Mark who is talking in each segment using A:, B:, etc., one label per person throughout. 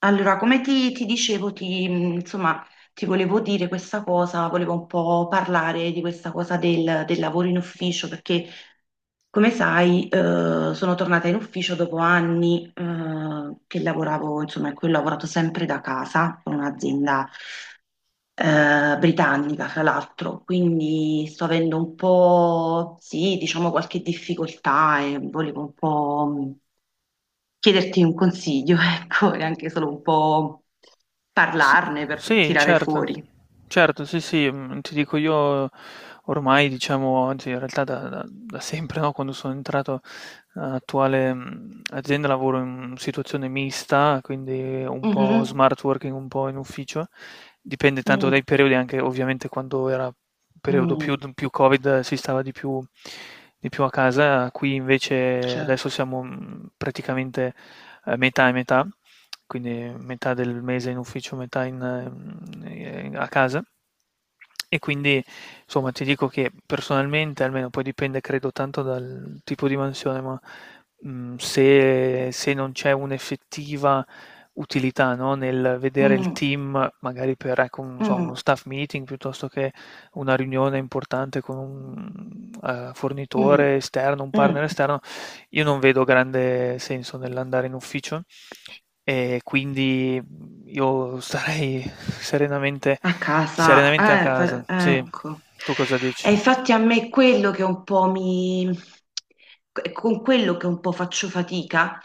A: Allora, come ti dicevo, ti volevo dire questa cosa, volevo un po' parlare di questa cosa del lavoro in ufficio, perché come sai, sono tornata in ufficio dopo anni, che lavoravo, insomma, in cui ho lavorato sempre da casa, con un'azienda, britannica, fra l'altro, quindi sto avendo un po', sì, diciamo qualche difficoltà e volevo un po' chiederti un consiglio, ecco, e anche solo un po'
B: S-
A: parlarne per
B: Sì,
A: tirare
B: certo,
A: fuori.
B: certo, sì, sì, ti dico io ormai, diciamo, anzi, in realtà da sempre, no, quando sono entrato nell'attuale azienda, lavoro in situazione mista, quindi un po'
A: Mhm,
B: smart working, un po' in ufficio. Dipende tanto
A: mm,
B: dai periodi, anche ovviamente quando era periodo più,
A: mm,
B: più Covid, si stava di più a casa. Qui invece adesso
A: certo.
B: siamo praticamente metà e metà, quindi metà del mese in ufficio, metà in, a casa. E quindi, insomma, ti dico che personalmente, almeno, poi dipende, credo, tanto dal tipo di mansione, ma se non c'è un'effettiva utilità, no, nel vedere il
A: Mm,
B: team, magari per, ecco, non so, uno
A: mm,
B: staff meeting piuttosto che una riunione importante con un
A: mm,
B: fornitore esterno, un partner
A: mm.
B: esterno, io non vedo grande senso nell'andare in ufficio, e quindi io starei serenamente,
A: A casa,
B: serenamente a casa.
A: per-
B: Sì,
A: ecco.
B: tu cosa dici?
A: E infatti a me è quello che un po' mi... con quello che un po' faccio fatica.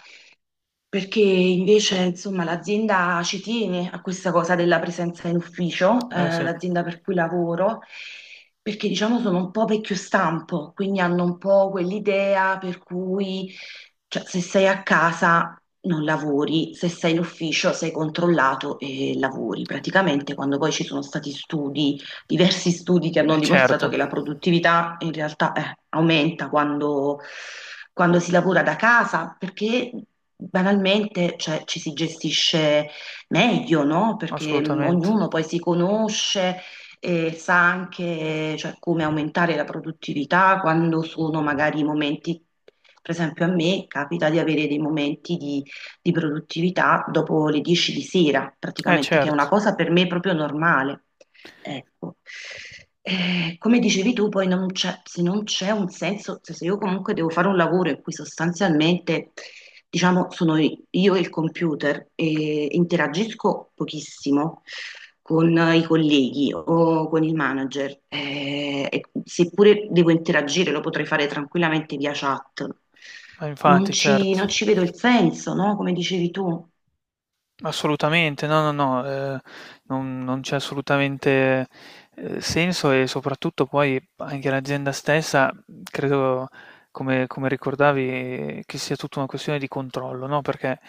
A: Perché invece, insomma, l'azienda ci tiene a questa cosa della presenza in ufficio,
B: Eh sì.
A: l'azienda per cui lavoro, perché diciamo sono un po' vecchio stampo, quindi hanno un po' quell'idea per cui, cioè, se sei a casa non lavori, se sei in ufficio sei controllato e lavori. Praticamente quando poi ci sono stati studi diversi studi che hanno
B: Eh
A: dimostrato
B: certo,
A: che la produttività in realtà aumenta quando si lavora da casa, perché banalmente cioè, ci si gestisce meglio, no? Perché
B: assolutamente.
A: ognuno poi si conosce e sa anche cioè, come aumentare la produttività quando sono magari per esempio a me capita di avere dei momenti di produttività dopo le 10 di sera,
B: Eh
A: praticamente, che è una
B: certo,
A: cosa per me proprio normale. Ecco. Come dicevi tu, poi non c'è- se non c'è un senso, cioè se io comunque devo fare un lavoro in cui sostanzialmente, diciamo, sono io e il computer e interagisco pochissimo con i colleghi o con il manager, e seppure devo interagire, lo potrei fare tranquillamente via chat,
B: eh infatti, certo.
A: non ci vedo il senso, no? Come dicevi tu.
B: Assolutamente, no, no, no, non c'è assolutamente, senso. E soprattutto poi anche l'azienda stessa, credo, come ricordavi, che sia tutta una questione di controllo, no, perché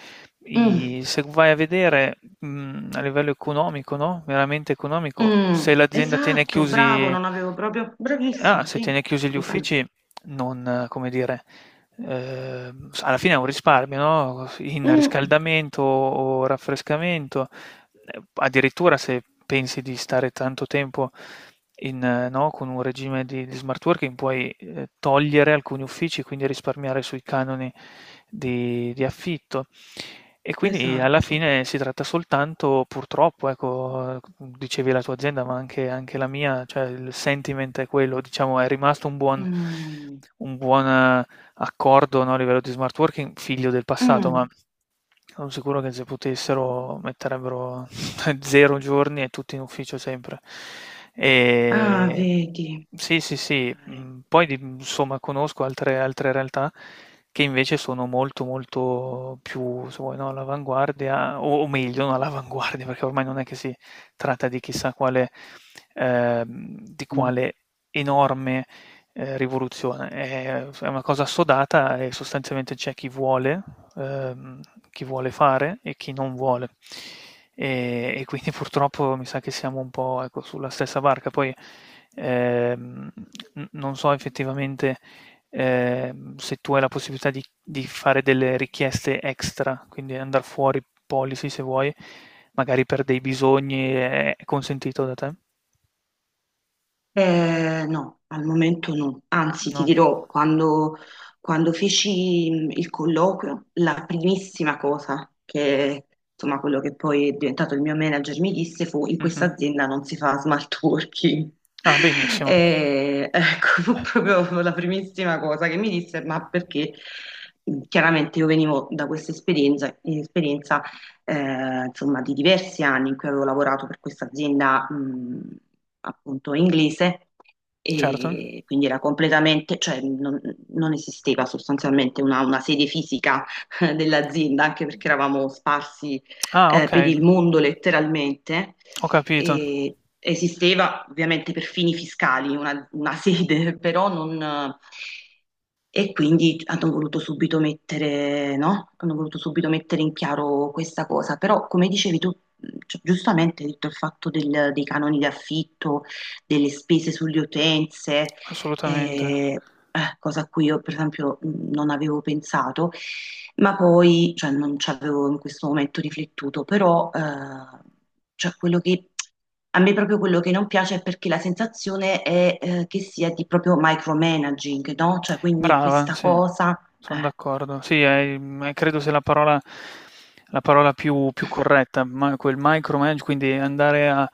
A: Mm.
B: i se vai a vedere, a livello economico, no, veramente economico,
A: Mm,
B: se l'azienda tiene
A: esatto, bravo,
B: chiusi...
A: non avevo proprio...
B: Ah,
A: Bravissimo,
B: se
A: sì,
B: tiene chiusi gli
A: scusami.
B: uffici, non, come dire, alla fine è un risparmio, no? In
A: Mm,
B: riscaldamento o raffrescamento, addirittura, se pensi di stare tanto tempo in, no, con un regime di smart working, puoi togliere alcuni uffici, quindi risparmiare sui canoni di affitto. E quindi alla
A: esatto.
B: fine si tratta soltanto, purtroppo, ecco, dicevi la tua azienda, ma anche, la mia, cioè il sentiment è quello, diciamo, è rimasto un buon,
A: Mm,
B: un buon accordo, no, a livello di smart working, figlio del passato, ma
A: mm.
B: sono sicuro che se potessero metterebbero 0 giorni e tutti in ufficio sempre.
A: Ah,
B: E
A: vedi.
B: sì, sì, sì. Poi insomma conosco altre realtà che invece sono molto molto più, se vuoi, no, all'avanguardia, o meglio, non all'avanguardia, perché ormai non è che si tratta di chissà quale, ehm, di
A: Ok.
B: quale enorme rivoluzione. È una cosa assodata e sostanzialmente c'è ehm, chi vuole fare e chi non vuole. E quindi purtroppo mi sa che siamo un po', ecco, sulla stessa barca. Poi ehm, non so effettivamente se tu hai la possibilità di fare delle richieste extra, quindi andare fuori policy, se vuoi, magari per dei bisogni: è consentito da te?
A: No, al momento no. Anzi, ti
B: No?
A: dirò, quando feci il colloquio, la primissima cosa che, insomma, quello che poi è diventato il mio manager mi disse fu: in questa
B: Mhm.
A: azienda non si fa smart working.
B: Ah, benissimo,
A: E, ecco, fu proprio la primissima cosa che mi disse, ma perché chiaramente io venivo da questa esperienza insomma, di diversi anni in cui avevo lavorato per questa azienda, appunto inglese
B: certo.
A: e quindi era completamente, cioè non esisteva sostanzialmente una sede fisica dell'azienda, anche perché eravamo sparsi
B: Ah,
A: per
B: okay,
A: il mondo letteralmente.
B: ho capito,
A: E esisteva ovviamente per fini fiscali una sede, però non... E quindi hanno voluto subito mettere, no? Hanno voluto subito mettere in chiaro questa cosa. Però, come dicevi tu, cioè, giustamente hai detto il fatto del- dei canoni di affitto, delle spese sulle utenze,
B: assolutamente.
A: eh, cosa a cui io per esempio non avevo pensato, ma poi, cioè non ci avevo in questo momento riflettuto, però cioè quello che a me proprio quello che non piace è perché la sensazione è che sia di proprio micromanaging, no? Cioè quindi
B: Brava,
A: questa
B: sì,
A: cosa...
B: son
A: eh.
B: d'accordo. Sì, è credo sia la parola più corretta, ma quel micromanage, quindi andare a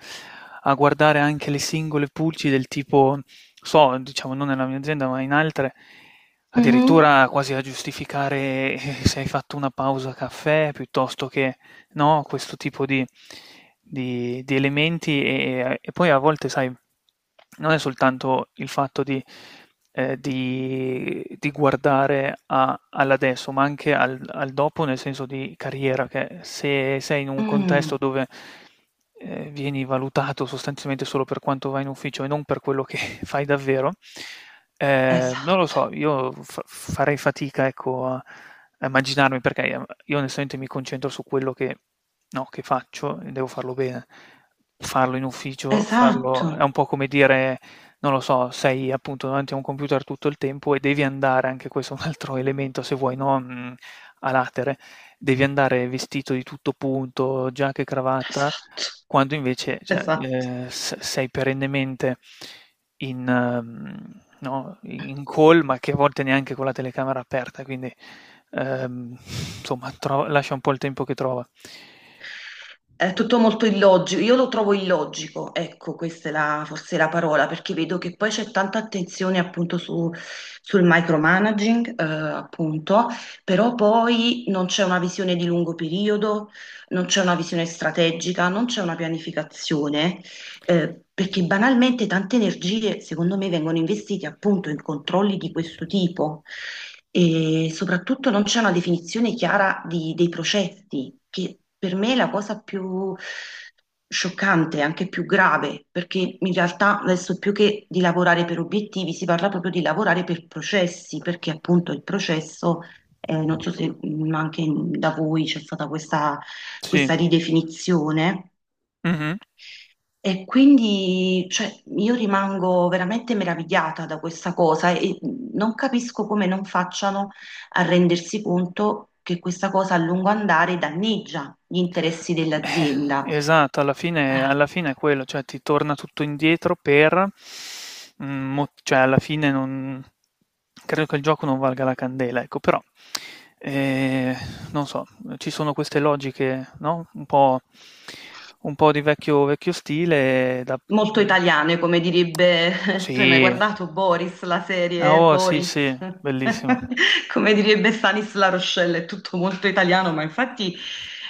B: a guardare anche le singole pulci, del tipo, so, diciamo, non nella mia azienda, ma in altre,
A: Mhm,
B: addirittura quasi a giustificare, se hai fatto una pausa caffè piuttosto che no, questo tipo di elementi. E poi a volte, sai, non è soltanto il fatto di guardare all'adesso, ma anche al dopo, nel senso di carriera, che se sei in un contesto
A: mm,
B: dove vieni valutato sostanzialmente solo per quanto vai in ufficio e non per quello che fai davvero, non lo
A: esatto,
B: so, io farei fatica, ecco, a immaginarmi, perché io, onestamente, mi concentro su quello che, no, che faccio, e devo farlo bene. Farlo in ufficio, farlo
A: esatto,
B: è un po' come dire, non lo so, sei appunto davanti a un computer tutto il tempo, e devi andare... Anche questo è un altro elemento, se vuoi, no, a latere: devi andare vestito di tutto punto, giacca e cravatta,
A: esatto,
B: quando invece, cioè,
A: esatto.
B: s sei perennemente in mhmm, no, in call, ma che a volte neanche con la telecamera aperta, quindi, ehm, insomma, tro lascia un po' il tempo che trova.
A: È tutto molto illogico, io lo trovo illogico, ecco, questa è la, forse la parola, perché vedo che poi c'è tanta attenzione appunto su- sul micromanaging, appunto, però poi non c'è una visione di lungo periodo, non c'è una visione strategica, non c'è una pianificazione perché banalmente tante energie, secondo me, vengono investite appunto in controlli di questo tipo e soprattutto non c'è una definizione chiara di- dei processi, che per me è la cosa più scioccante, anche più grave, perché in realtà adesso più che di lavorare per obiettivi si parla proprio di lavorare per processi, perché appunto il processo, non so se anche in- da voi c'è stata
B: Sì,
A: questa ridefinizione
B: mh-mh.
A: e quindi, cioè, io rimango veramente meravigliata da questa cosa e non capisco come non facciano a rendersi conto che questa cosa a lungo andare danneggia gli interessi dell'azienda.
B: Esatto, alla fine è quello, cioè ti torna tutto indietro, per mo cioè, alla fine, non credo che il gioco non valga la candela, ecco. Però, ehm, non so, ci sono queste logiche, no, un po' di vecchio vecchio stile, da
A: Molto
B: mhmm
A: italiane, come direbbe,
B: Sì.
A: tu hai mai guardato Boris, la
B: Ah,
A: serie
B: oh, sì, sì,
A: Boris?
B: bellissimo.
A: Come direbbe Stanis La Rochelle, è tutto molto italiano, ma infatti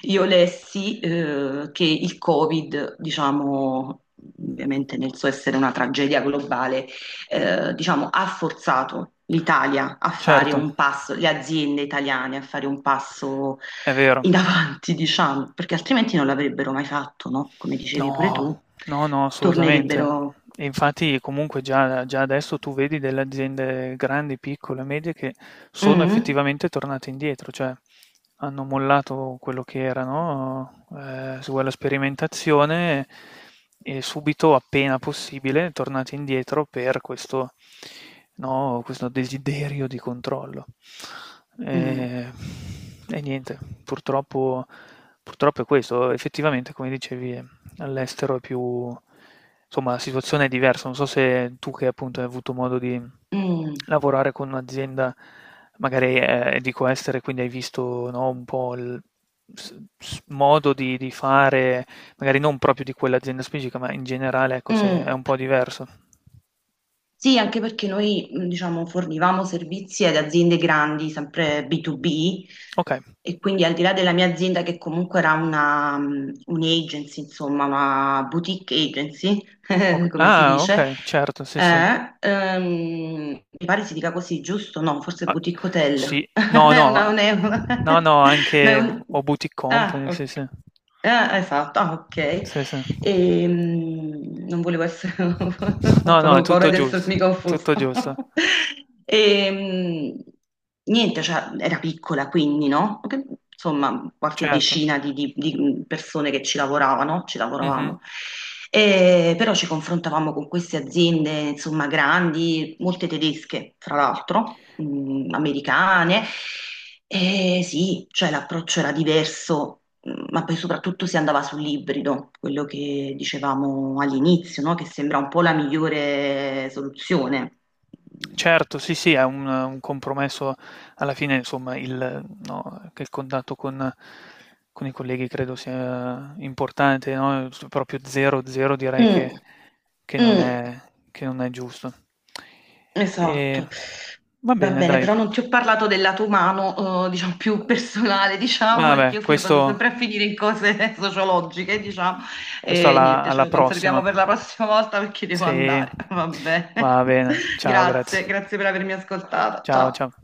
A: io lessi che il Covid, diciamo, ovviamente nel suo essere una tragedia globale, diciamo, ha forzato l'Italia a fare
B: Certo,
A: un passo, le aziende italiane a fare un passo
B: è vero.
A: in ti diciamo, perché altrimenti non l'avrebbero mai fatto, no? Come dicevi pure tu,
B: No, no, no, assolutamente.
A: tornerebbero.
B: E infatti comunque già adesso tu vedi delle aziende grandi, piccole, medie, che sono
A: Mm,
B: effettivamente tornate indietro, cioè hanno mollato quello che era, no? Se vuoi, la sperimentazione, e subito, appena possibile, tornate indietro per questo, no, questo desiderio di controllo.
A: mm,
B: E, e niente, purtroppo è questo, effettivamente, come dicevi, all'estero è più, insomma, la situazione è diversa. Non so se tu, che appunto hai avuto modo di
A: mm,
B: lavorare con un'azienda, magari, dico, estere, quindi hai visto, no, un po' il modo di fare, magari non proprio di quell'azienda specifica, ma in generale, ecco,
A: mm,
B: se è un po'
A: mm.
B: diverso.
A: Sì, anche perché noi, diciamo, fornivamo servizi ad aziende grandi, sempre B2B,
B: Ok,
A: e quindi al di là della mia azienda, che comunque era un'agency, insomma, una boutique agency,
B: ok.
A: come si
B: Ah,
A: dice,
B: ok, certo, sì, sì.
A: mi pare si dica così, giusto? No, forse
B: Ah,
A: boutique hotel.
B: sì, no,
A: È
B: no,
A: è
B: no, no,
A: no, è
B: anche
A: un-
B: o boutique
A: ah,
B: company, sì, sì.
A: ok. Ah, esatto, ah, ok.
B: Sì, sì.
A: E non volevo essere,
B: No, no, è
A: avevo paura
B: tutto
A: di
B: giusto,
A: essermi confusa.
B: tutto giusto.
A: E niente, cioè, era piccola quindi, no? Che- Insomma, qualche
B: Certo.
A: decina di persone che ci lavoravano, ci
B: Mh-mh.
A: lavoravamo. E, però ci confrontavamo con queste aziende, insomma, grandi, molte tedesche, fra l'altro, mm, americane. E sì, cioè l'approccio era diverso. Mm, ma poi soprattutto si andava sull'ibrido, quello che dicevamo all'inizio, no? Che sembra un po' la migliore soluzione.
B: Certo, sì, sì, è un compromesso alla fine, insomma. Il No, che il contatto con i colleghi credo sia importante, no, s proprio 0, 0, direi che
A: Mm,
B: che non
A: mm,
B: è, che non è giusto. Ehm,
A: esatto.
B: Va
A: Va
B: bene,
A: bene,
B: dai.
A: però non ti ho parlato del lato umano, diciamo più personale, diciamo, perché
B: Vabbè,
A: io fino- vado
B: questo
A: sempre a finire in cose sociologiche, diciamo,
B: Questo
A: e
B: alla,
A: niente, ce
B: alla
A: lo conserviamo
B: prossima.
A: per la prossima volta perché devo
B: Sì,
A: andare. Va bene.
B: va bene. Ciao,
A: Grazie,
B: grazie.
A: grazie per avermi ascoltata.
B: Ciao, ciao.
A: Ciao.